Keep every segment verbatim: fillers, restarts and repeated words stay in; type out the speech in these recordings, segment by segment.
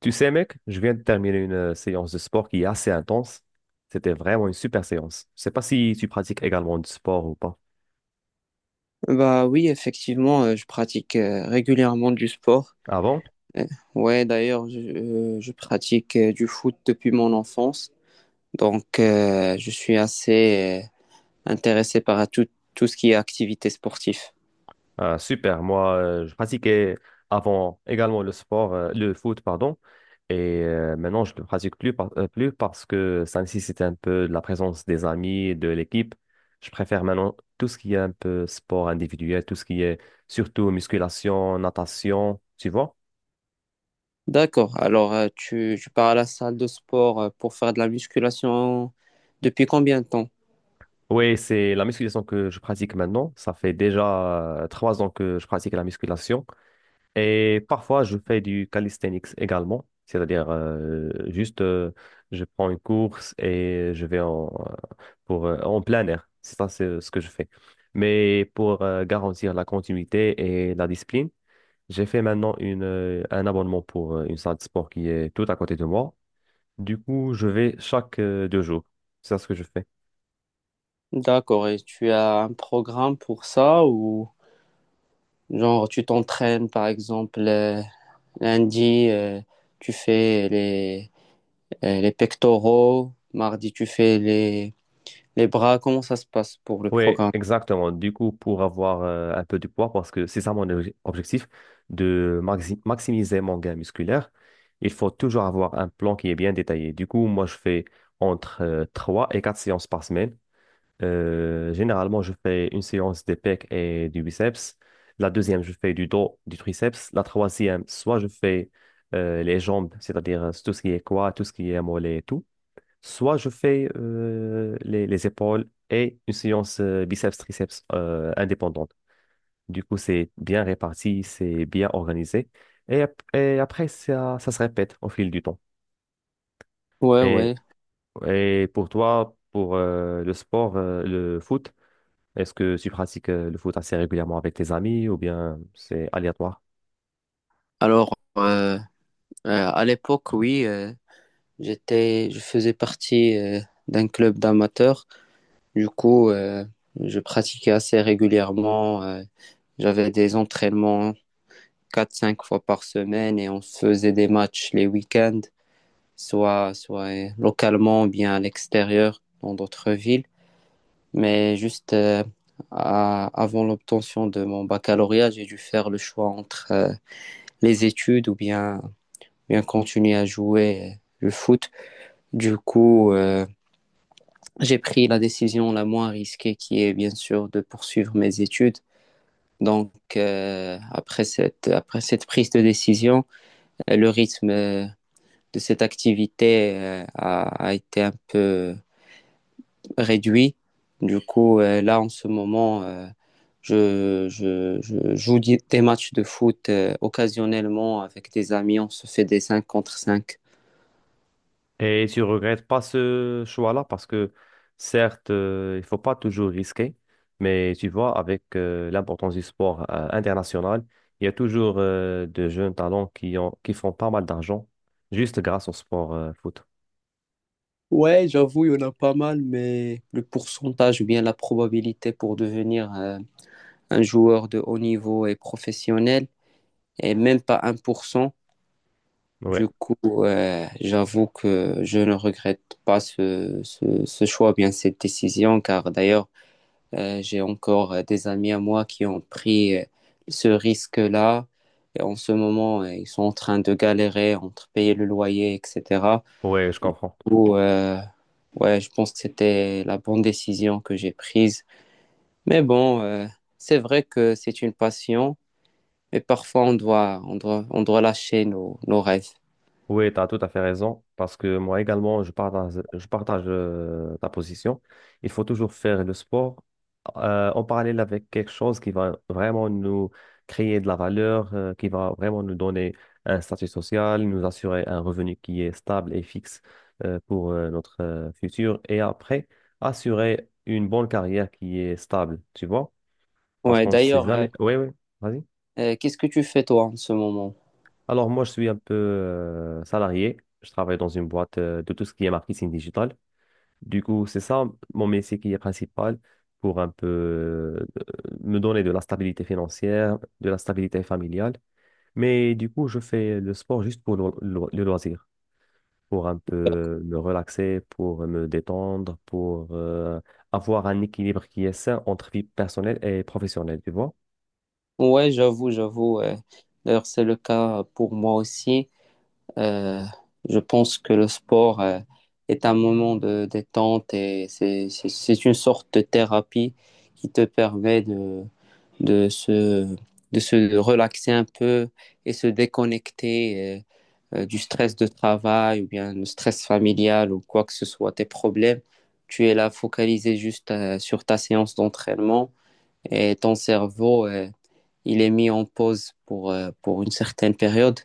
Tu sais, mec, je viens de terminer une euh, séance de sport qui est assez intense. C'était vraiment une super séance. Je sais pas si tu pratiques également du sport ou pas. Bah oui, effectivement, euh, je pratique euh, régulièrement du sport. Avant, Ah bon? Euh, ouais, d'ailleurs, je, euh, je pratique euh, du foot depuis mon enfance. Donc, euh, je suis assez euh, intéressé par tout, tout ce qui est activité sportive. Ah, super. Moi, euh, je pratiquais avant également le sport, euh, le foot, pardon. Et euh, maintenant, je ne le pratique plus, par- euh, plus parce que ça nécessite un peu de la présence des amis, de l'équipe. Je préfère maintenant tout ce qui est un peu sport individuel, tout ce qui est surtout musculation, natation, tu vois? D'accord. Alors, euh, tu, tu pars à la salle de sport euh, pour faire de la musculation depuis combien de temps? Oui, c'est la musculation que je pratique maintenant. Ça fait déjà euh, trois ans que je pratique la musculation. Et parfois, je fais du calisthenics également. C'est-à-dire, euh, juste, euh, je prends une course et je vais en, euh, pour, euh, en plein air. C'est ça, c'est euh, ce que je fais. Mais pour euh, garantir la continuité et la discipline, j'ai fait maintenant une, euh, un abonnement pour euh, une salle de sport qui est tout à côté de moi. Du coup, je vais chaque euh, deux jours. C'est ça ce que je fais. D'accord. Et tu as un programme pour ça ou genre tu t'entraînes, par exemple, euh, lundi, euh, tu fais les Euh, les pectoraux, mardi tu fais les, les bras, comment ça se passe pour le Oui, programme? exactement. Du coup, pour avoir euh, un peu du poids, parce que c'est ça mon obje- objectif, de maxi- maximiser mon gain musculaire, il faut toujours avoir un plan qui est bien détaillé. Du coup, moi, je fais entre euh, trois et quatre séances par semaine. Euh, généralement, je fais une séance des pecs et du biceps. La deuxième, je fais du dos, du triceps. La troisième, soit je fais euh, les jambes, c'est-à-dire euh, tout ce qui est quoi, tout ce qui est mollet et tout. Soit je fais euh, les, les épaules et une séance euh, biceps-triceps euh, indépendante. Du coup, c'est bien réparti, c'est bien organisé. Et, ap- et après, ça, ça se répète au fil du temps. Ouais, Et, ouais. et pour toi, pour euh, le sport, euh, le foot, est-ce que tu pratiques euh, le foot assez régulièrement avec tes amis ou bien c'est aléatoire? Alors, euh, euh, à l'époque, oui, euh, j'étais, je faisais partie euh, d'un club d'amateurs. Du coup, euh, je pratiquais assez régulièrement. Euh, j'avais des entraînements quatre cinq fois par semaine et on se faisait des matchs les week-ends, soit, soit euh, localement ou bien à l'extérieur dans d'autres villes. Mais juste euh, à- avant l'obtention de mon baccalauréat, j'ai dû faire le choix entre euh, les études ou bien, bien continuer à jouer euh, le foot. Du coup, euh, j'ai pris la décision la moins risquée qui est bien sûr de poursuivre mes études. Donc, euh, après cette, après cette prise de décision, euh, le rythme euh, de cette activité euh, a, a été un peu réduit. Du coup, euh, là, en ce moment, euh, je, je- je joue di- des matchs de foot euh, occasionnellement avec des amis. On se fait des cinq contre cinq. Et tu regrettes pas ce choix-là parce que certes, euh, il faut pas toujours risquer, mais tu vois, avec euh, l'importance du sport euh, international, il y a toujours euh, de jeunes talents qui ont, qui font pas mal d'argent juste grâce au sport euh, foot. Ouais, j'avoue, il y en a pas mal, mais le pourcentage ou bien la probabilité pour devenir euh, un joueur de haut niveau et professionnel est même pas un pour cent. Ouais, Du coup, euh, j'avoue que je ne regrette pas ce, ce, ce choix, bien cette décision, car d'ailleurs, Euh, j'ai encore euh, des amis à moi qui ont pris euh, ce risque-là. Et en ce moment, euh, ils sont en train de galérer entre payer le loyer, et cetera. ouais, je comprends. Ou, euh, ouais, je pense que c'était la bonne décision que j'ai prise. Mais bon, euh, c'est vrai que c'est une passion, mais parfois on doit, on doit, on doit lâcher nos, nos rêves. Oui, tu as tout à fait raison, parce que moi également, je partage, je partage euh, ta position. Il faut toujours faire le sport euh, en parallèle avec quelque chose qui va vraiment nous créer de la valeur, euh, qui va vraiment nous donner un statut social, nous assurer un revenu qui est stable et fixe euh, pour euh, notre euh, futur, et après, assurer une bonne carrière qui est stable, tu vois? Parce Ouais, qu'on ne sait d'ailleurs, euh, jamais. Oui, oui, vas-y. euh, qu'est-ce que tu fais toi en ce moment? Alors moi, je suis un peu euh, salarié. Je travaille dans une boîte euh, de tout ce qui est marketing digital. Du coup, c'est ça mon métier qui est principal pour un peu euh, me donner de la stabilité financière, de la stabilité familiale. Mais du coup, je fais le sport juste pour le, le- le loisir, pour un peu me relaxer, pour me détendre, pour euh, avoir un équilibre qui est sain entre vie personnelle et professionnelle, tu vois. Ouais, j'avoue, j'avoue. Euh, d'ailleurs, c'est le cas pour moi aussi. Euh, je pense que le sport euh, est un moment de détente et c'est c'est- c'est une sorte de thérapie qui te permet de, de se, de se relaxer un peu et se déconnecter euh, euh, du stress de travail ou bien le stress familial ou quoi que ce soit, tes problèmes. Tu es là focalisé juste euh, sur ta séance d'entraînement et ton cerveau, euh, il est mis en pause pour, euh, pour une certaine période.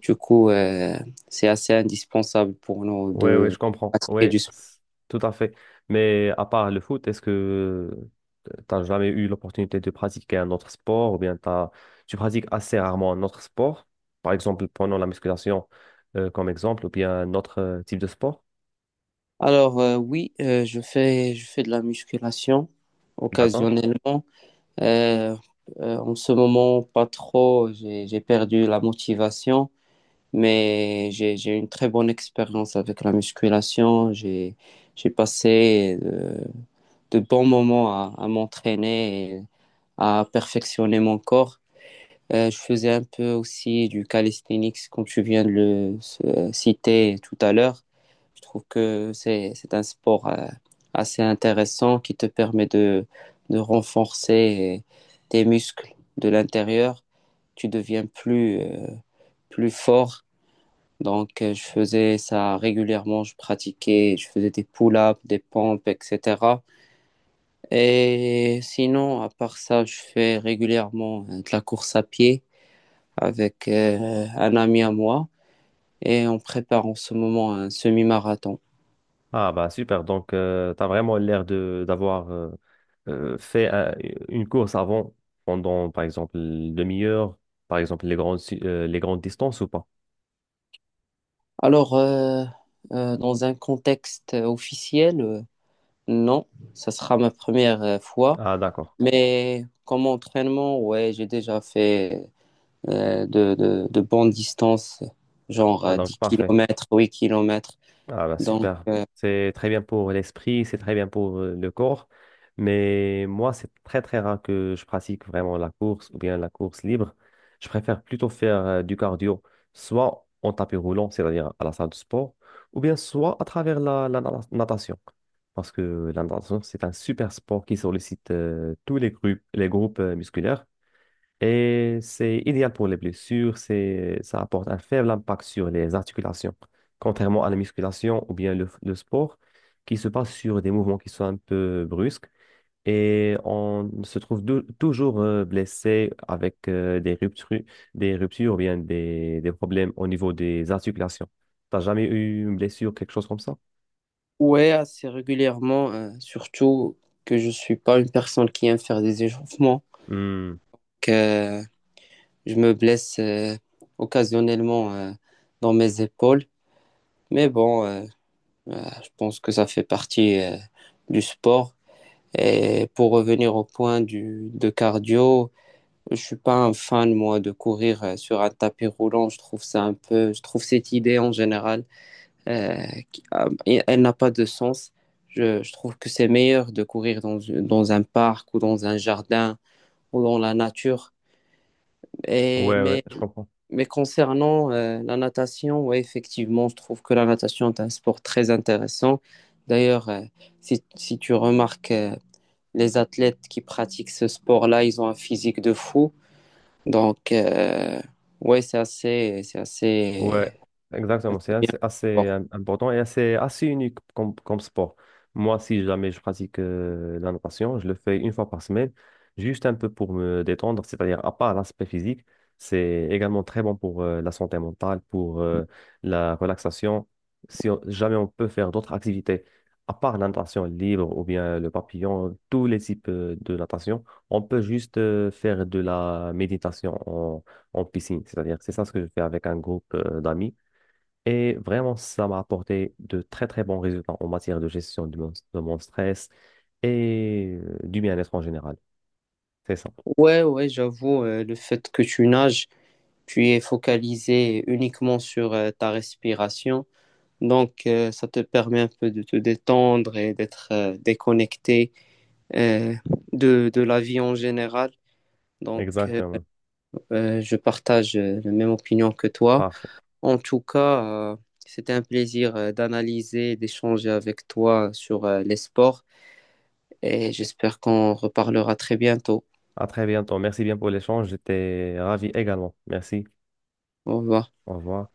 Du coup, euh, c'est assez indispensable pour nous Ouais, ouais, de je comprends. pratiquer Ouais, du sport. c- tout à fait. Mais à part le foot, est-ce que t'as jamais eu l'opportunité de pratiquer un autre sport ou bien t'as, tu pratiques assez rarement un autre sport? Par exemple, prenons la musculation euh, comme exemple ou bien un autre euh, type de sport. Alors, euh, oui, euh, je fais, je fais de la musculation D'accord? occasionnellement. Euh, euh, En ce moment, pas trop. J'ai, j'ai perdu la motivation, mais j'ai, j'ai une très bonne expérience avec la musculation. J'ai, j'ai passé euh, de bons moments à, à m'entraîner et à perfectionner mon corps. Euh, je faisais un peu aussi du calisthenics, comme tu viens de le euh, citer tout à l'heure. Je trouve que c'est, c'est un sport euh, assez intéressant qui te permet de, de renforcer tes muscles de l'intérieur. Tu deviens plus, euh, plus fort. Donc, euh, je faisais ça régulièrement. Je pratiquais, je faisais des pull-ups, des pompes, et cetera. Et sinon, à part ça, je fais régulièrement euh, de la course à pied avec euh, un ami à moi et on prépare en ce moment un semi-marathon. Ah bah super. Donc, tu as vraiment l'air de d'avoir euh, euh, fait un- une course avant pendant, par exemple, une demi-heure, par exemple, les grandes, su- euh, les grandes distances ou pas? Alors, euh, euh, dans un contexte officiel, euh, non, ça sera ma première euh, fois, Ah d'accord. mais comme entraînement, ouais, j'ai déjà fait euh, de, de, de bonnes distances, genre Ah euh, donc, 10 parfait. km, huit kilomètres. Ah bah Donc, super. euh, C'est très bien pour l'esprit, c'est très bien pour euh, le corps. Mais moi, c'est très très rare que je pratique vraiment la course ou bien la course libre. Je préfère plutôt faire euh, du cardio, soit en tapis roulant, c'est-à-dire à la salle de sport, ou bien soit à travers la, la na- natation. Parce que la natation, c'est un super sport qui sollicite euh, tous les groupes, les groupes euh, musculaires. Et c'est idéal pour les blessures, c'est, ça apporte un faible impact sur les articulations, contrairement à la musculation ou bien le, le sport, qui se passe sur des mouvements qui sont un peu brusques. Et on se trouve dou- toujours euh, blessé avec euh, des ruptures, des ruptures ou bien des, des problèmes au niveau des articulations. T'as jamais eu une blessure, quelque chose comme ça? ouais, assez régulièrement, euh, surtout que je suis pas une personne qui aime faire des échauffements. Hmm. Donc, euh, je me blesse euh, occasionnellement euh, dans mes épaules. Mais bon, euh, euh, je pense que ça fait partie euh, du sport. Et pour revenir au point du, de cardio, je suis pas un fan, moi, de courir euh, sur un tapis roulant. Je trouve ça un peu, je trouve cette idée en général, euh, qui- euh, elle n'a pas de sens. Je, je trouve que c'est meilleur de courir dans, dans un parc ou dans un jardin ou dans la nature. Et, Ouais, ouais, mais je comprends. Mais concernant euh, la natation, ouais, effectivement, je trouve que la natation est un sport très intéressant. D'ailleurs, euh, si, si tu remarques, euh, les athlètes qui pratiquent ce sport-là, ils ont un physique de fou. Donc, euh, ouais, c'est assez, c'est Ouais, assez, assez exactement. C'est bien. assez, assez, euh, important et assez, assez unique comme, comme sport. Moi, si jamais je pratique euh, la natation, je le fais une fois par semaine, juste un peu pour me détendre, c'est-à-dire à part l'aspect physique, c'est également très bon pour euh, la santé mentale, pour euh, la relaxation. Si on- jamais on peut faire d'autres activités, à part la natation libre ou bien le papillon, tous les types euh, de natation, on peut juste euh, faire de la méditation en piscine. C'est-à-dire, c'est ça ce que je fais avec un groupe euh, d'amis. Et vraiment, ça m'a apporté de très, très bons résultats en matière de gestion de mon, de mon stress et euh, du bien-être en général. C'est ça. Ouais, ouais, j'avoue, euh, le fait que tu nages, tu es focalisé uniquement sur euh, ta respiration. Donc, euh, ça te permet un peu de te détendre et d'être euh, déconnecté euh, de, de la vie en général. Donc, euh, Exactement. euh, je partage euh, la même opinion que toi. Parfait. En tout cas, euh, c'était un plaisir euh, d'analyser, d'échanger avec toi sur euh, les sports et j'espère qu'on reparlera très bientôt. À très bientôt. Merci bien pour l'échange. J'étais ravi également. Merci. Au revoir. Au revoir.